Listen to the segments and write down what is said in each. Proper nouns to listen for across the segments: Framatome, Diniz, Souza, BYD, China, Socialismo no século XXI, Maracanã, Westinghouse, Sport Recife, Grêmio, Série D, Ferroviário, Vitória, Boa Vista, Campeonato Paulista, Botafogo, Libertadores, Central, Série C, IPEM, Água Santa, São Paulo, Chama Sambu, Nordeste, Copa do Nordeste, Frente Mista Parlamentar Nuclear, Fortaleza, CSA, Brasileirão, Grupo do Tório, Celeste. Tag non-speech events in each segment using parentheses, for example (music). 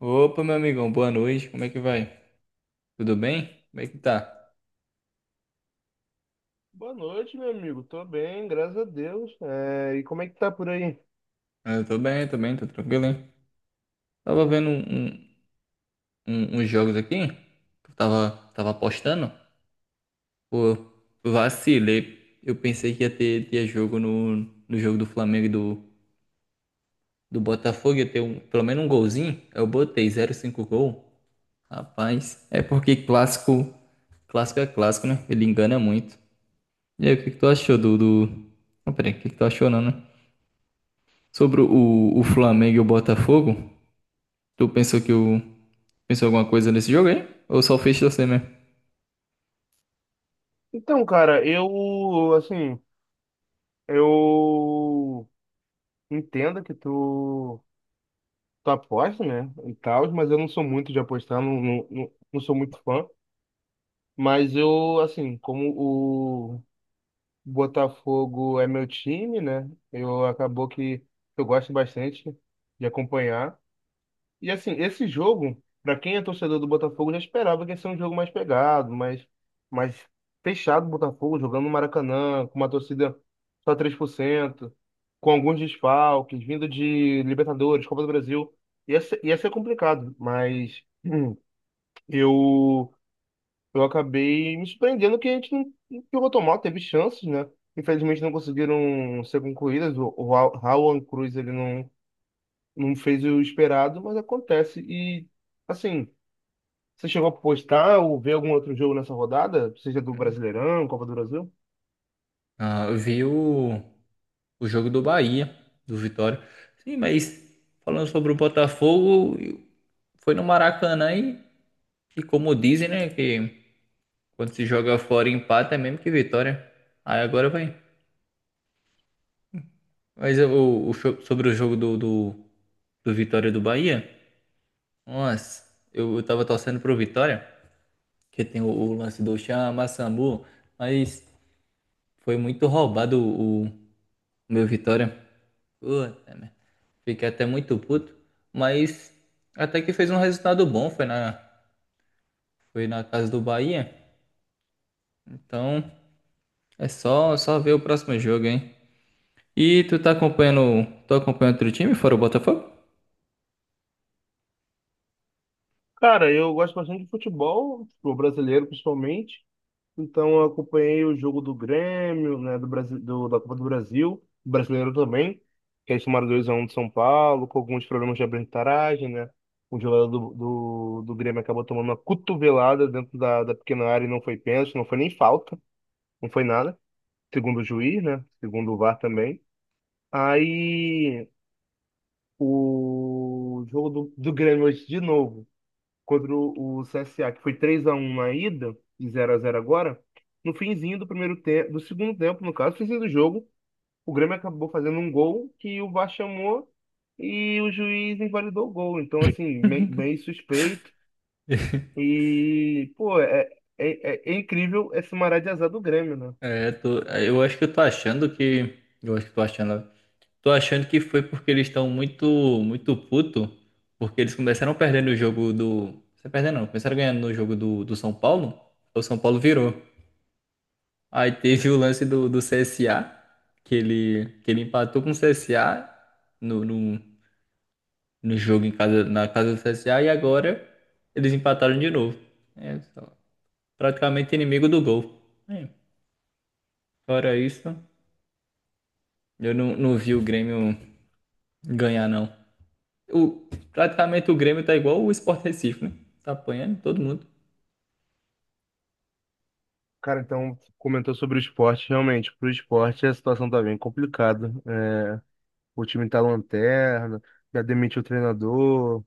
Opa, meu amigão, boa noite. Como é que vai? Tudo bem? Como é que tá? Boa noite, meu amigo. Tô bem, graças a Deus. É, e como é que tá por aí? Ah, eu tô bem, tô bem, tô tranquilo, hein? Tava vendo uns jogos aqui, que eu tava apostando. Pô, vacilei. Eu pensei que ia ter jogo no jogo do Flamengo e do Botafogo, ia ter pelo menos um golzinho. Eu botei 0,5 gol. Rapaz, é porque clássico é clássico, né? Ele engana muito. E aí, o que que tu achou do... Não, peraí, o que que tu achou não, né? Sobre o Flamengo e o Botafogo, tu pensou que o pensou alguma coisa nesse jogo aí? Ou só fez você mesmo? Então, cara, eu, assim, eu entendo que tu aposta, né, e tal, mas eu não sou muito de apostar, não, não não sou muito fã. Mas eu, assim, como o Botafogo é meu time, né, eu acabou que eu gosto bastante de acompanhar. E assim, esse jogo, para quem é torcedor do Botafogo, já esperava que ia ser um jogo mais pegado, mais fechado, o Botafogo jogando no Maracanã, com uma torcida só 3%, com alguns desfalques, vindo de Libertadores, Copa do Brasil. Ia ser complicado, mas eu, eu acabei me surpreendendo que a gente não, que o Rotomal teve chances, né? Infelizmente não conseguiram ser concluídas. O Raul Cruz, ele não fez o esperado, mas acontece. E, assim, você chegou a postar ou ver algum outro jogo nessa rodada? Seja do Brasileirão, Copa do Brasil? Ah, eu vi o jogo do Bahia, do Vitória. Sim, mas falando sobre o Botafogo, foi no Maracanã e como dizem, né, que quando se joga fora e empata é mesmo que vitória. Aí agora vai. Mas sobre o jogo do Vitória do Bahia, nossa, eu tava torcendo pro Vitória, que tem o lance do Chama Sambu, mas. Foi muito roubado o meu Vitória. Puta, merda. Fiquei até muito puto. Mas até que fez um resultado bom. Foi na casa do Bahia. Então é só ver o próximo jogo, hein? E tu tá acompanhando. Tu acompanhando outro time fora o Botafogo? Cara, eu gosto bastante de futebol, o brasileiro principalmente. Então, eu acompanhei o jogo do Grêmio, né, do Brasil, da Copa do Brasil, brasileiro também, que eles tomaram 2-1 de São Paulo, com alguns problemas de arbitragem, né? O jogador do Grêmio acabou tomando uma cotovelada dentro da pequena área e não foi pênalti, não foi nem falta, não foi nada, segundo o juiz, né? Segundo o VAR também. Aí o jogo do Grêmio hoje de novo contra o CSA, que foi 3-1 na ida e 0-0 agora, no finzinho do primeiro tempo, do segundo tempo, no caso, finzinho do jogo, o Grêmio acabou fazendo um gol que o VAR chamou e o juiz invalidou o gol. Então, assim, meio (laughs) suspeito. E, pô, é, é incrível esse maré de azar do Grêmio, né? É, tô, eu acho que eu tô achando que. Eu acho que tô achando. Tô achando que foi porque eles estão muito, muito puto, porque eles começaram perdendo o jogo do. Você perdendo não, começaram ganhando no jogo do São Paulo. O São Paulo virou. Aí teve o lance do CSA, que ele empatou com o CSA no, no, no jogo em casa, na casa do CSA, e agora eles empataram de novo. É, praticamente inimigo do gol. É, fora isso, eu não vi o Grêmio ganhar, não. O, Praticamente o Grêmio tá igual o Sport Recife, né? Tá apanhando todo mundo. Cara, então, comentou sobre o esporte. Realmente, pro esporte a situação tá bem complicada. É, o time tá lanterna, já demitiu o treinador,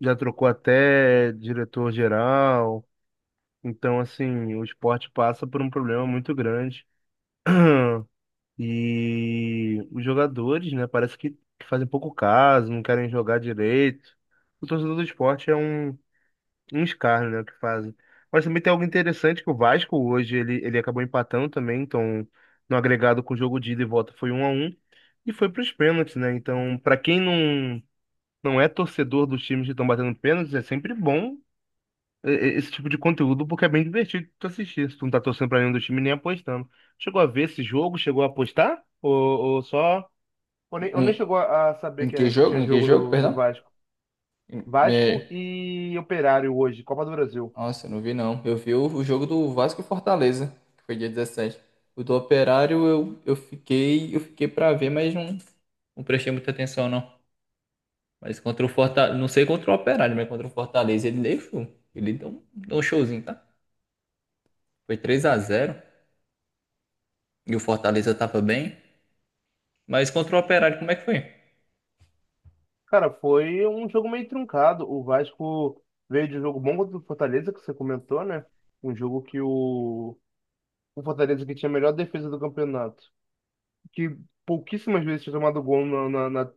já trocou até diretor-geral. Então, assim, o esporte passa por um problema muito grande. E os jogadores, né, parece que fazem pouco caso, não querem jogar direito. O torcedor do esporte é uns caras, né, que fazem. Mas também tem algo interessante que o Vasco hoje ele acabou empatando também, então no agregado com o jogo de ida e volta foi 1-1 e foi para os pênaltis, né? Então, para quem não é torcedor dos times que estão batendo pênaltis, é sempre bom esse tipo de conteúdo porque é bem divertido tu assistir, se tu não tá torcendo para nenhum dos times nem apostando. Chegou a ver esse jogo? Chegou a apostar? Ou só, ou nem Em, chegou a saber Em que, que que jogo? tinha Em que jogo jogo, do, do perdão? Vasco? Em- Vasco me- e Operário hoje, Copa do Brasil. Nossa, eu não vi não. Eu vi o jogo do Vasco e Fortaleza, que foi dia 17. O do Operário eu fiquei pra ver, mas não prestei muita atenção não. Mas contra o Fortaleza, não sei contra o Operário, mas contra o Fortaleza ele deixou. Ele deu um showzinho, tá? Foi 3-0 e o Fortaleza tava bem. Mas contra o Operário, como é que foi? Cara, foi um jogo meio truncado. O Vasco veio de um jogo bom contra o Fortaleza, que você comentou, né? Um jogo que o Fortaleza, que tinha a melhor defesa do campeonato, que pouquíssimas vezes tinha tomado gol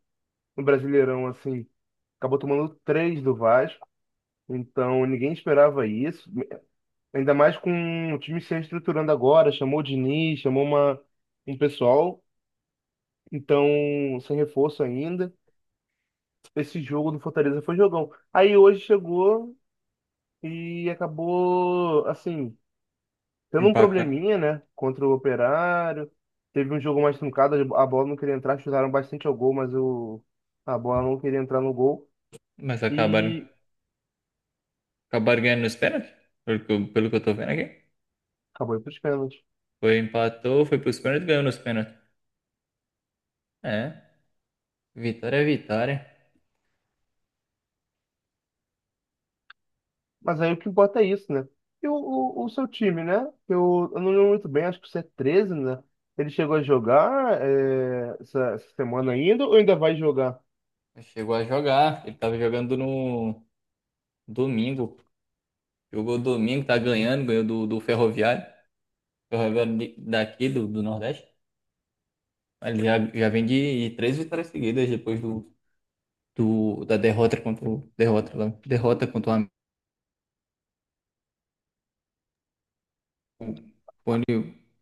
no Brasileirão, assim, acabou tomando três do Vasco. Então ninguém esperava isso. Ainda mais com o time se reestruturando agora, chamou o Diniz, chamou um pessoal, então sem reforço ainda. Esse jogo do Fortaleza foi jogão. Aí hoje chegou e acabou, assim, tendo um Empatando. probleminha, né, contra o Operário. Teve um jogo mais truncado, a bola não queria entrar, chutaram bastante ao gol, mas o, a bola não queria entrar no gol Mas acabaram e Acabaram ganhando nos pênaltis? Pelo que eu tô vendo aqui. acabou indo para os pênaltis. Foi, empatou, foi pros pênaltis e ganhou nos pênaltis. É, vitória é vitória. Mas aí o que importa é isso, né? E o seu time, né? Eu não lembro muito bem, acho que o c 13, né? Ele chegou a jogar, é, essa semana ainda ou ainda vai jogar? Chegou a jogar. Ele tava jogando no domingo. Jogou domingo, tá ganhando, ganhou do Ferroviário. Ferroviário daqui, do Nordeste. Ele já vem de três vitórias seguidas depois da derrota contra o. Derrota, lá, derrota contra o. O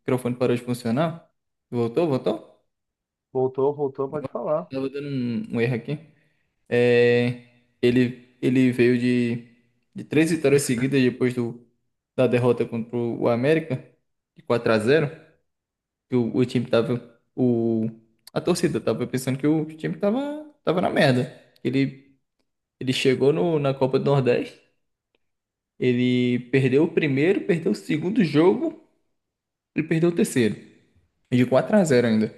microfone parou de funcionar. Voltou, voltou? Voltou, voltou, pode falar. Tava dando um erro aqui. É, ele veio de três vitórias seguidas depois do, da derrota contra o América, de 4-0, que o time tava, a torcida tava pensando que o time tava na merda. Ele, Ele chegou no, na Copa do Nordeste, ele perdeu o primeiro, perdeu o segundo jogo, ele perdeu o terceiro, e de 4-0 ainda.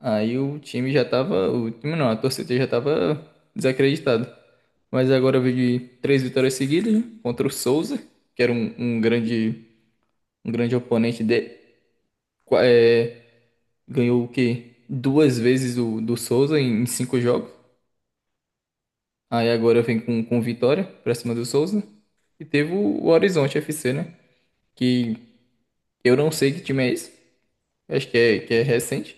Aí o time já tava. O time não, a torcida já tava desacreditada. Mas agora veio de três vitórias seguidas, né? Contra o Souza, que era um grande oponente dele. É, ganhou o quê? Duas vezes do Souza em cinco jogos. Aí agora vem com vitória pra cima do Souza. E teve o Horizonte FC, né? Que eu não sei que time é esse. Acho que é, recente.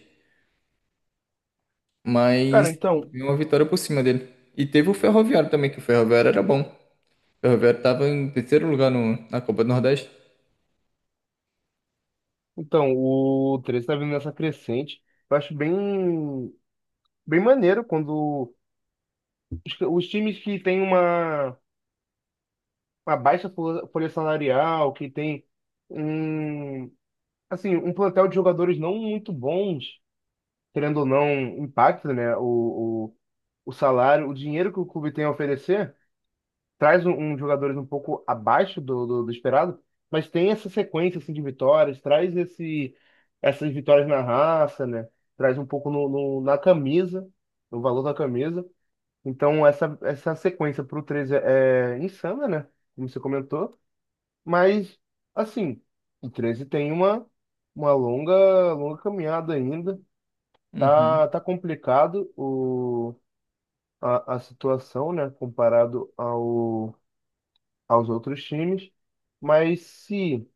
Cara, Mas então, veio uma vitória por cima dele. E teve o Ferroviário também, que o Ferroviário era bom. O Roberto estava em terceiro lugar no, na Copa do Nordeste. então, o 13 está vindo nessa crescente. Eu acho bem, bem maneiro quando os times que têm uma baixa folha salarial, que tem um, assim, um plantel de jogadores não muito bons, querendo ou não, impacta, né, o salário, o dinheiro que o clube tem a oferecer, traz um jogadores um pouco abaixo do esperado, mas tem essa sequência assim, de vitórias, traz esse, essas vitórias na raça, né? Traz um pouco no, na camisa, no valor da camisa. Então essa sequência para o 13 é insana, né? Como você comentou, mas assim, o 13 tem uma longa, longa caminhada ainda. Uhum. Tá, tá complicado a situação, né? Comparado ao aos outros times, mas se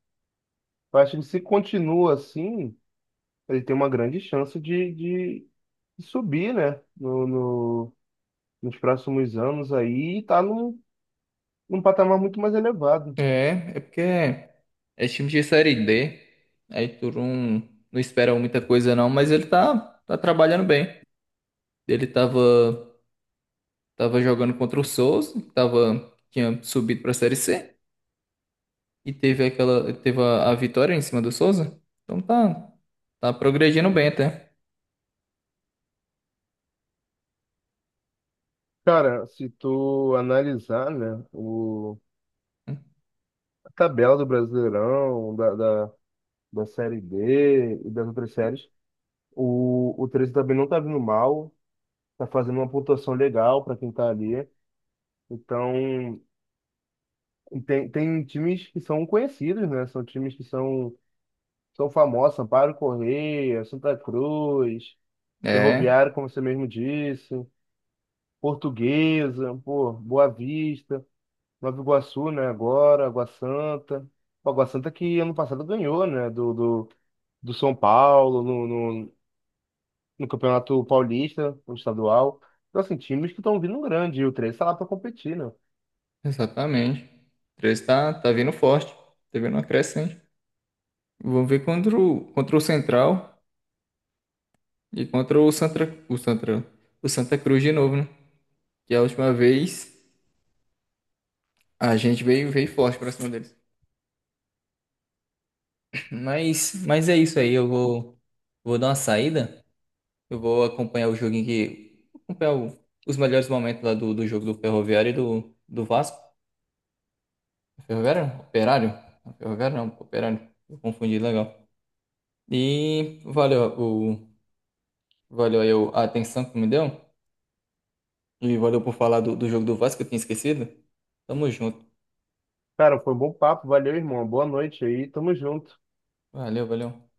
eu acho que se continua assim, ele tem uma grande chance de subir, né? No, nos próximos anos aí e tá num patamar muito mais elevado. É porque é time de Série D. Aí tu não espera muita coisa não, mas ele tá trabalhando bem. Ele tava jogando contra o Souza, que tinha subido pra Série C. E teve a vitória em cima do Souza. Então tá progredindo bem até. Cara, se tu analisar, né, a tabela do Brasileirão, da Série D e das outras séries, o 13 também não tá vindo mal, tá fazendo uma pontuação legal para quem tá ali. Então, tem times que são conhecidos, né? São times que são, famosos, Sampaio Correia, Santa Cruz, Ferroviário, É, como você mesmo disse, Portuguesa, pô, Boa Vista, Nova Iguaçu, né? Agora, Água Santa. Pô, Água Santa, que ano passado ganhou, né? Do São Paulo, no, no Campeonato Paulista, no estadual. Então, assim, times que estão vindo grande, e o 3 está lá para competir, né? exatamente. O 13 tá vindo forte. Tá vindo uma crescente. Vamos ver contra o Central. E contra o Santa, o Santa Cruz de novo, né? Que a última vez a gente veio forte pra cima deles. Mas é isso aí. Eu vou dar uma saída. Eu vou acompanhar o joguinho que. Acompanhar os melhores momentos lá do jogo do Ferroviário e do Vasco. Ferroviário? Não, Operário? Não, Ferroviário não, Operário. Eu confundi legal. E valeu, valeu aí a atenção que me deu. E valeu por falar do jogo do Vasco que eu tinha esquecido. Tamo junto. Cara, foi um bom papo, valeu, irmão. Boa noite aí, tamo junto. Valeu, valeu.